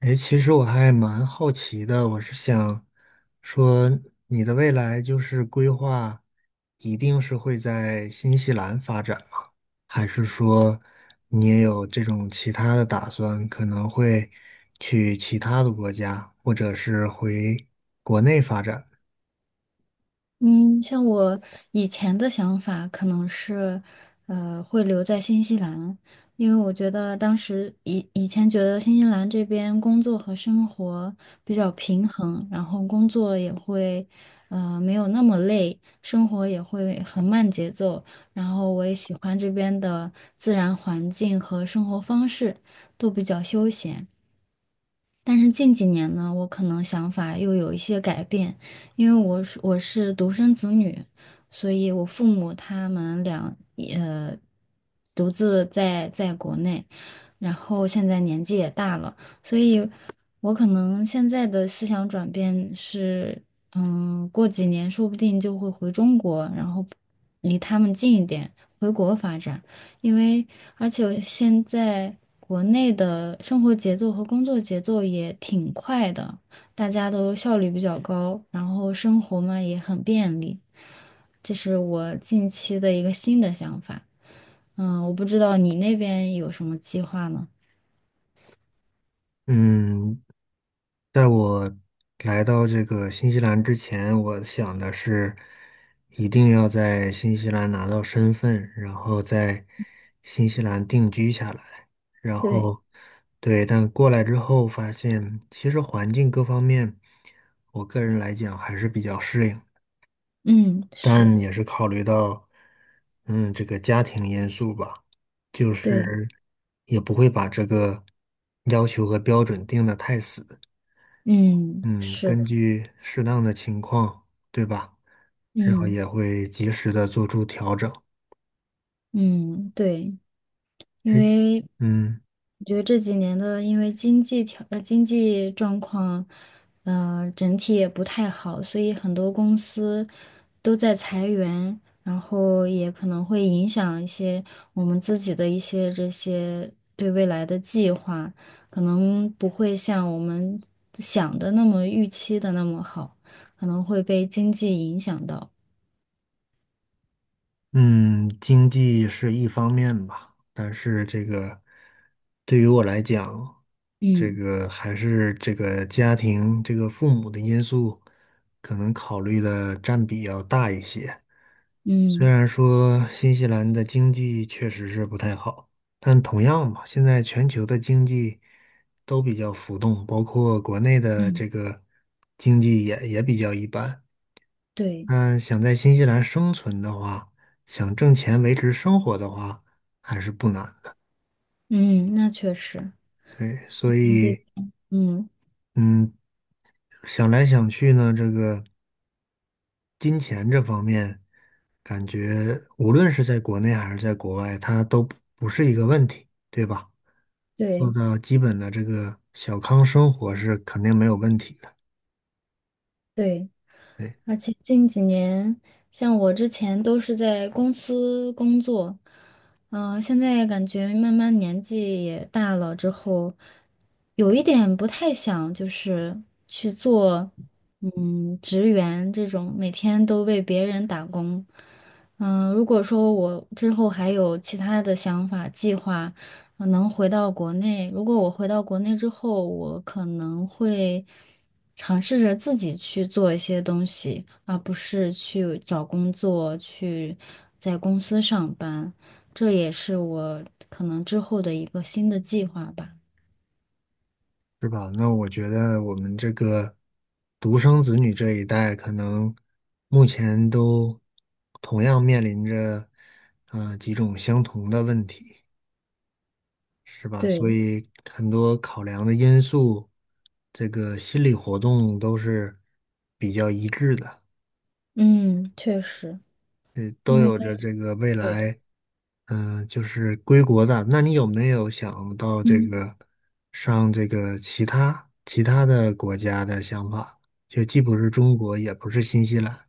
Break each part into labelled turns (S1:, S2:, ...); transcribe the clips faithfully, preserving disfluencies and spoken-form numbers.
S1: 哎，其实我还蛮好奇的，我是想说，你的未来就是规划，一定是会在新西兰发展吗？还是说你也有这种其他的打算，可能会去其他的国家，或者是回国内发展？
S2: 嗯，像我以前的想法可能是，呃，会留在新西兰，因为我觉得当时以以前觉得新西兰这边工作和生活比较平衡，然后工作也会，呃，没有那么累，生活也会很慢节奏，然后我也喜欢这边的自然环境和生活方式，都比较休闲。但是近几年呢，我可能想法又有一些改变，因为我是我是独生子女，所以我父母他们俩呃独自在在国内，然后现在年纪也大了，所以我可能现在的思想转变是，嗯，过几年说不定就会回中国，然后离他们近一点，回国发展。因为而且我现在国内的生活节奏和工作节奏也挺快的，大家都效率比较高，然后生活嘛也很便利，这是我近期的一个新的想法。嗯，我不知道你那边有什么计划呢？
S1: 嗯，在我来到这个新西兰之前，我想的是一定要在新西兰拿到身份，然后在新西兰定居下来。然
S2: 对。
S1: 后，对，但过来之后发现，其实环境各方面，我个人来讲还是比较适应，
S2: 嗯，是。
S1: 但也是考虑到，嗯，这个家庭因素吧，就
S2: 对。
S1: 是也不会把这个要求和标准定得太死。
S2: 嗯，
S1: 嗯，
S2: 是的。
S1: 根据适当的情况，对吧？然后
S2: 嗯
S1: 也会及时的做出调整。
S2: 嗯。对。因
S1: 诶，
S2: 为
S1: 嗯
S2: 我觉得这几年的，因为经济条呃经济状况，呃整体也不太好，所以很多公司都在裁员，然后也可能会影响一些我们自己的一些这些对未来的计划，可能不会像我们想的那么预期的那么好，可能会被经济影响到。
S1: 嗯，经济是一方面吧，但是这个对于我来讲，这
S2: 嗯。
S1: 个还是这个家庭、这个父母的因素，可能考虑的占比要大一些。虽
S2: 嗯。
S1: 然说新西兰的经济确实是不太好，但同样嘛，现在全球的经济都比较浮动，包括国内的
S2: 嗯，
S1: 这个经济也也比较一般。
S2: 对。
S1: 嗯，想在新西兰生存的话，想挣钱维持生活的话，还是不难的。
S2: 嗯，那确实。
S1: 对，所
S2: 经济。
S1: 以
S2: 嗯。
S1: 嗯，想来想去呢，这个。金钱这方面，感觉无论是在国内还是在国外，它都不不是一个问题，对吧？做
S2: 对
S1: 到基本的这个小康生活是肯定没有问题的，
S2: 对，
S1: 对，
S2: 而且近几年，像我之前都是在公司工作，嗯、现在感觉慢慢年纪也大了之后，有一点不太想就是去做，嗯，职员这种每天都为别人打工。嗯、如果说我之后还有其他的想法计划，可能回到国内，如果我回到国内之后，我可能会尝试着自己去做一些东西，而不是去找工作，去在公司上班。这也是我可能之后的一个新的计划吧。
S1: 是吧？那我觉得我们这个独生子女这一代，可能目前都同样面临着呃几种相同的问题。是吧？所
S2: 对。
S1: 以很多考量的因素，这个心理活动都是比较一致的，
S2: 嗯，确实，
S1: 呃，都
S2: 因为
S1: 有着这个未
S2: 对。
S1: 来，嗯、就是归国的。那你有没有想到这
S2: 嗯。
S1: 个上这个其他其他的国家的想法？就既不是中国，也不是新西兰。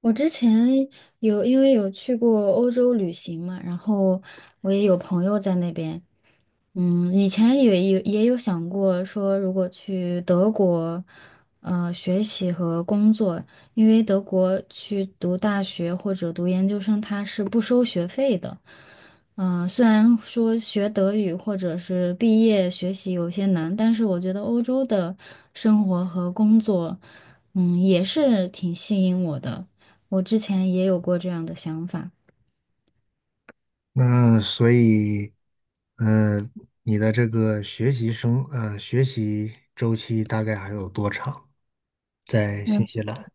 S2: 我之前有因为有去过欧洲旅行嘛，然后我也有朋友在那边。嗯，以前也也也有想过说，如果去德国，呃，学习和工作，因为德国去读大学或者读研究生，他是不收学费的。嗯、虽然说学德语或者是毕业学习有些难，但是我觉得欧洲的生活和工作，嗯，也是挺吸引我的。我之前也有过这样的想法。
S1: 那所以，呃，你的这个学习生，呃，学习周期大概还有多长？在新西兰？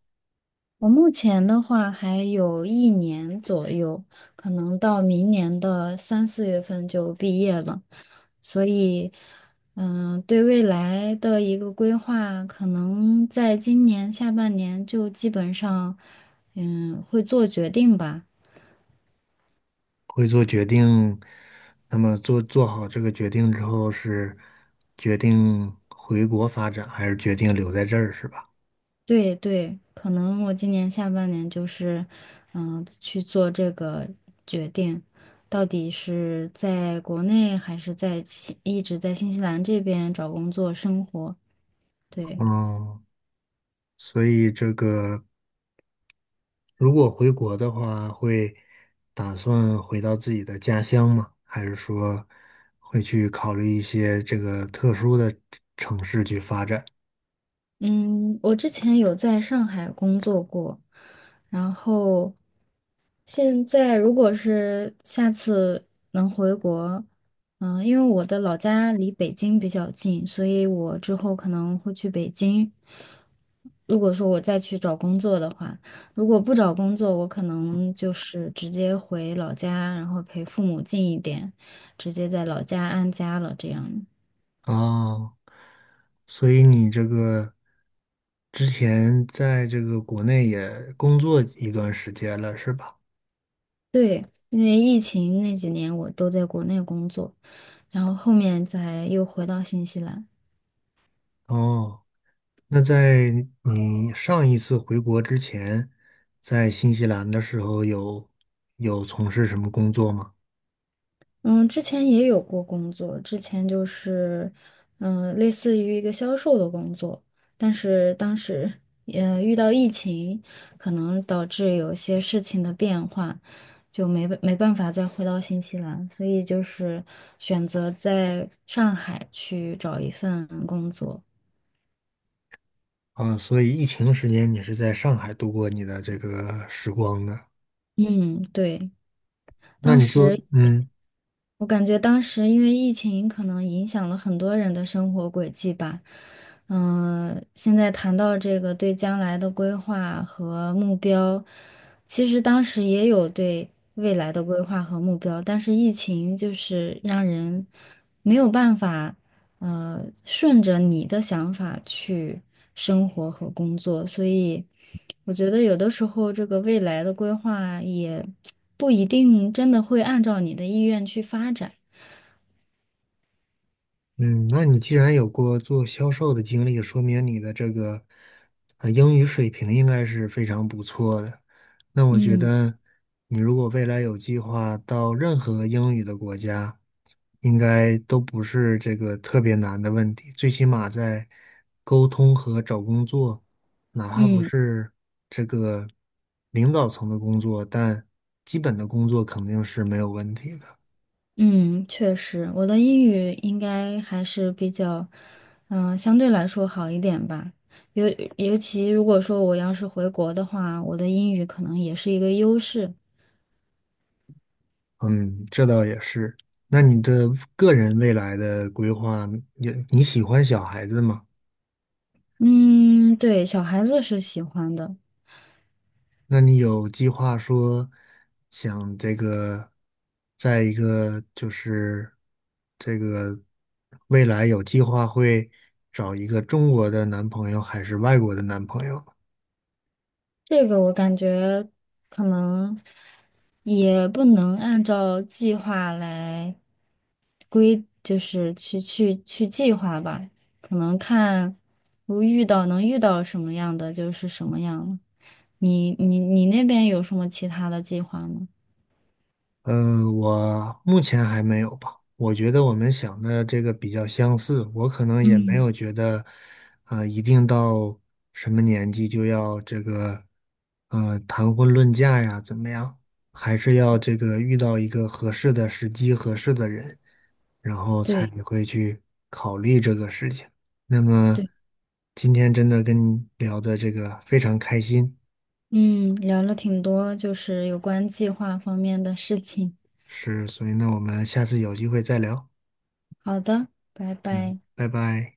S2: 我目前的话还有一年左右，可能到明年的三四月份就毕业了，所以，嗯、对未来的一个规划，可能在今年下半年就基本上，嗯，会做决定吧。
S1: 会做决定，那么做做好这个决定之后，是决定回国发展，还是决定留在这儿，是吧？
S2: 对对，可能我今年下半年就是，嗯、去做这个决定，到底是在国内还是在新一直在新西兰这边找工作生活。对。
S1: 嗯，所以这个如果回国的话，会打算回到自己的家乡吗？还是说会去考虑一些这个特殊的城市去发展？
S2: 嗯，我之前有在上海工作过，然后现在如果是下次能回国，嗯、因为我的老家离北京比较近，所以我之后可能会去北京。如果说我再去找工作的话，如果不找工作，我可能就是直接回老家，然后陪父母近一点，直接在老家安家了。这样。
S1: 啊，所以你这个之前在这个国内也工作一段时间了，是吧？
S2: 对，因为疫情那几年我都在国内工作，然后后面才又回到新西兰。
S1: 哦，那在你上一次回国之前，在新西兰的时候有有从事什么工作吗？
S2: 嗯，之前也有过工作，之前就是，嗯，类似于一个销售的工作，但是当时，呃，遇到疫情，可能导致有些事情的变化，就没没办法再回到新西兰，所以就是选择在上海去找一份工作。
S1: 啊，所以疫情时间你是在上海度过你的这个时光的。
S2: 嗯，对。
S1: 那
S2: 当
S1: 你做，
S2: 时
S1: 嗯，
S2: 我感觉当时因为疫情，可能影响了很多人的生活轨迹吧。嗯、现在谈到这个对将来的规划和目标，其实当时也有对未来的规划和目标，但是疫情就是让人没有办法。呃，顺着你的想法去生活和工作，所以我觉得有的时候这个未来的规划也不一定真的会按照你的意愿去发展。
S1: 嗯，那你既然有过做销售的经历，说明你的这个呃英语水平应该是非常不错的。那我觉
S2: 嗯。
S1: 得你如果未来有计划到任何英语的国家，应该都不是这个特别难的问题。最起码在沟通和找工作，哪怕不
S2: 嗯。
S1: 是这个领导层的工作，但基本的工作肯定是没有问题的。
S2: 嗯，确实，我的英语应该还是比较，嗯、相对来说好一点吧。尤尤其如果说我要是回国的话，我的英语可能也是一个优势。
S1: 嗯，这倒也是。那你的个人未来的规划，你你喜欢小孩子吗？
S2: 嗯，对，小孩子是喜欢的。
S1: 那你有计划说想这个，在一个就是这个未来有计划会找一个中国的男朋友还是外国的男朋友？
S2: 这个我感觉可能也不能按照计划来规，就是去去去计划吧，可能看如遇到能遇到什么样的就是什么样了。你你你那边有什么其他的计划吗？
S1: 嗯，呃我目前还没有吧。我觉得我们想的这个比较相似，我可能也没
S2: 嗯
S1: 有觉得，呃，一定到什么年纪就要这个，呃，谈婚论嫁呀，怎么样？还是要这个遇到一个合适的时机、合适的人，然后才
S2: 对
S1: 会去考虑这个事情。那么
S2: 对。
S1: 今天真的跟你聊的这个非常开心，
S2: 嗯，聊了挺多，就是有关计划方面的事情。
S1: 是，所以呢，我们下次有机会再聊。
S2: 好的，拜
S1: 嗯，
S2: 拜。
S1: 拜拜。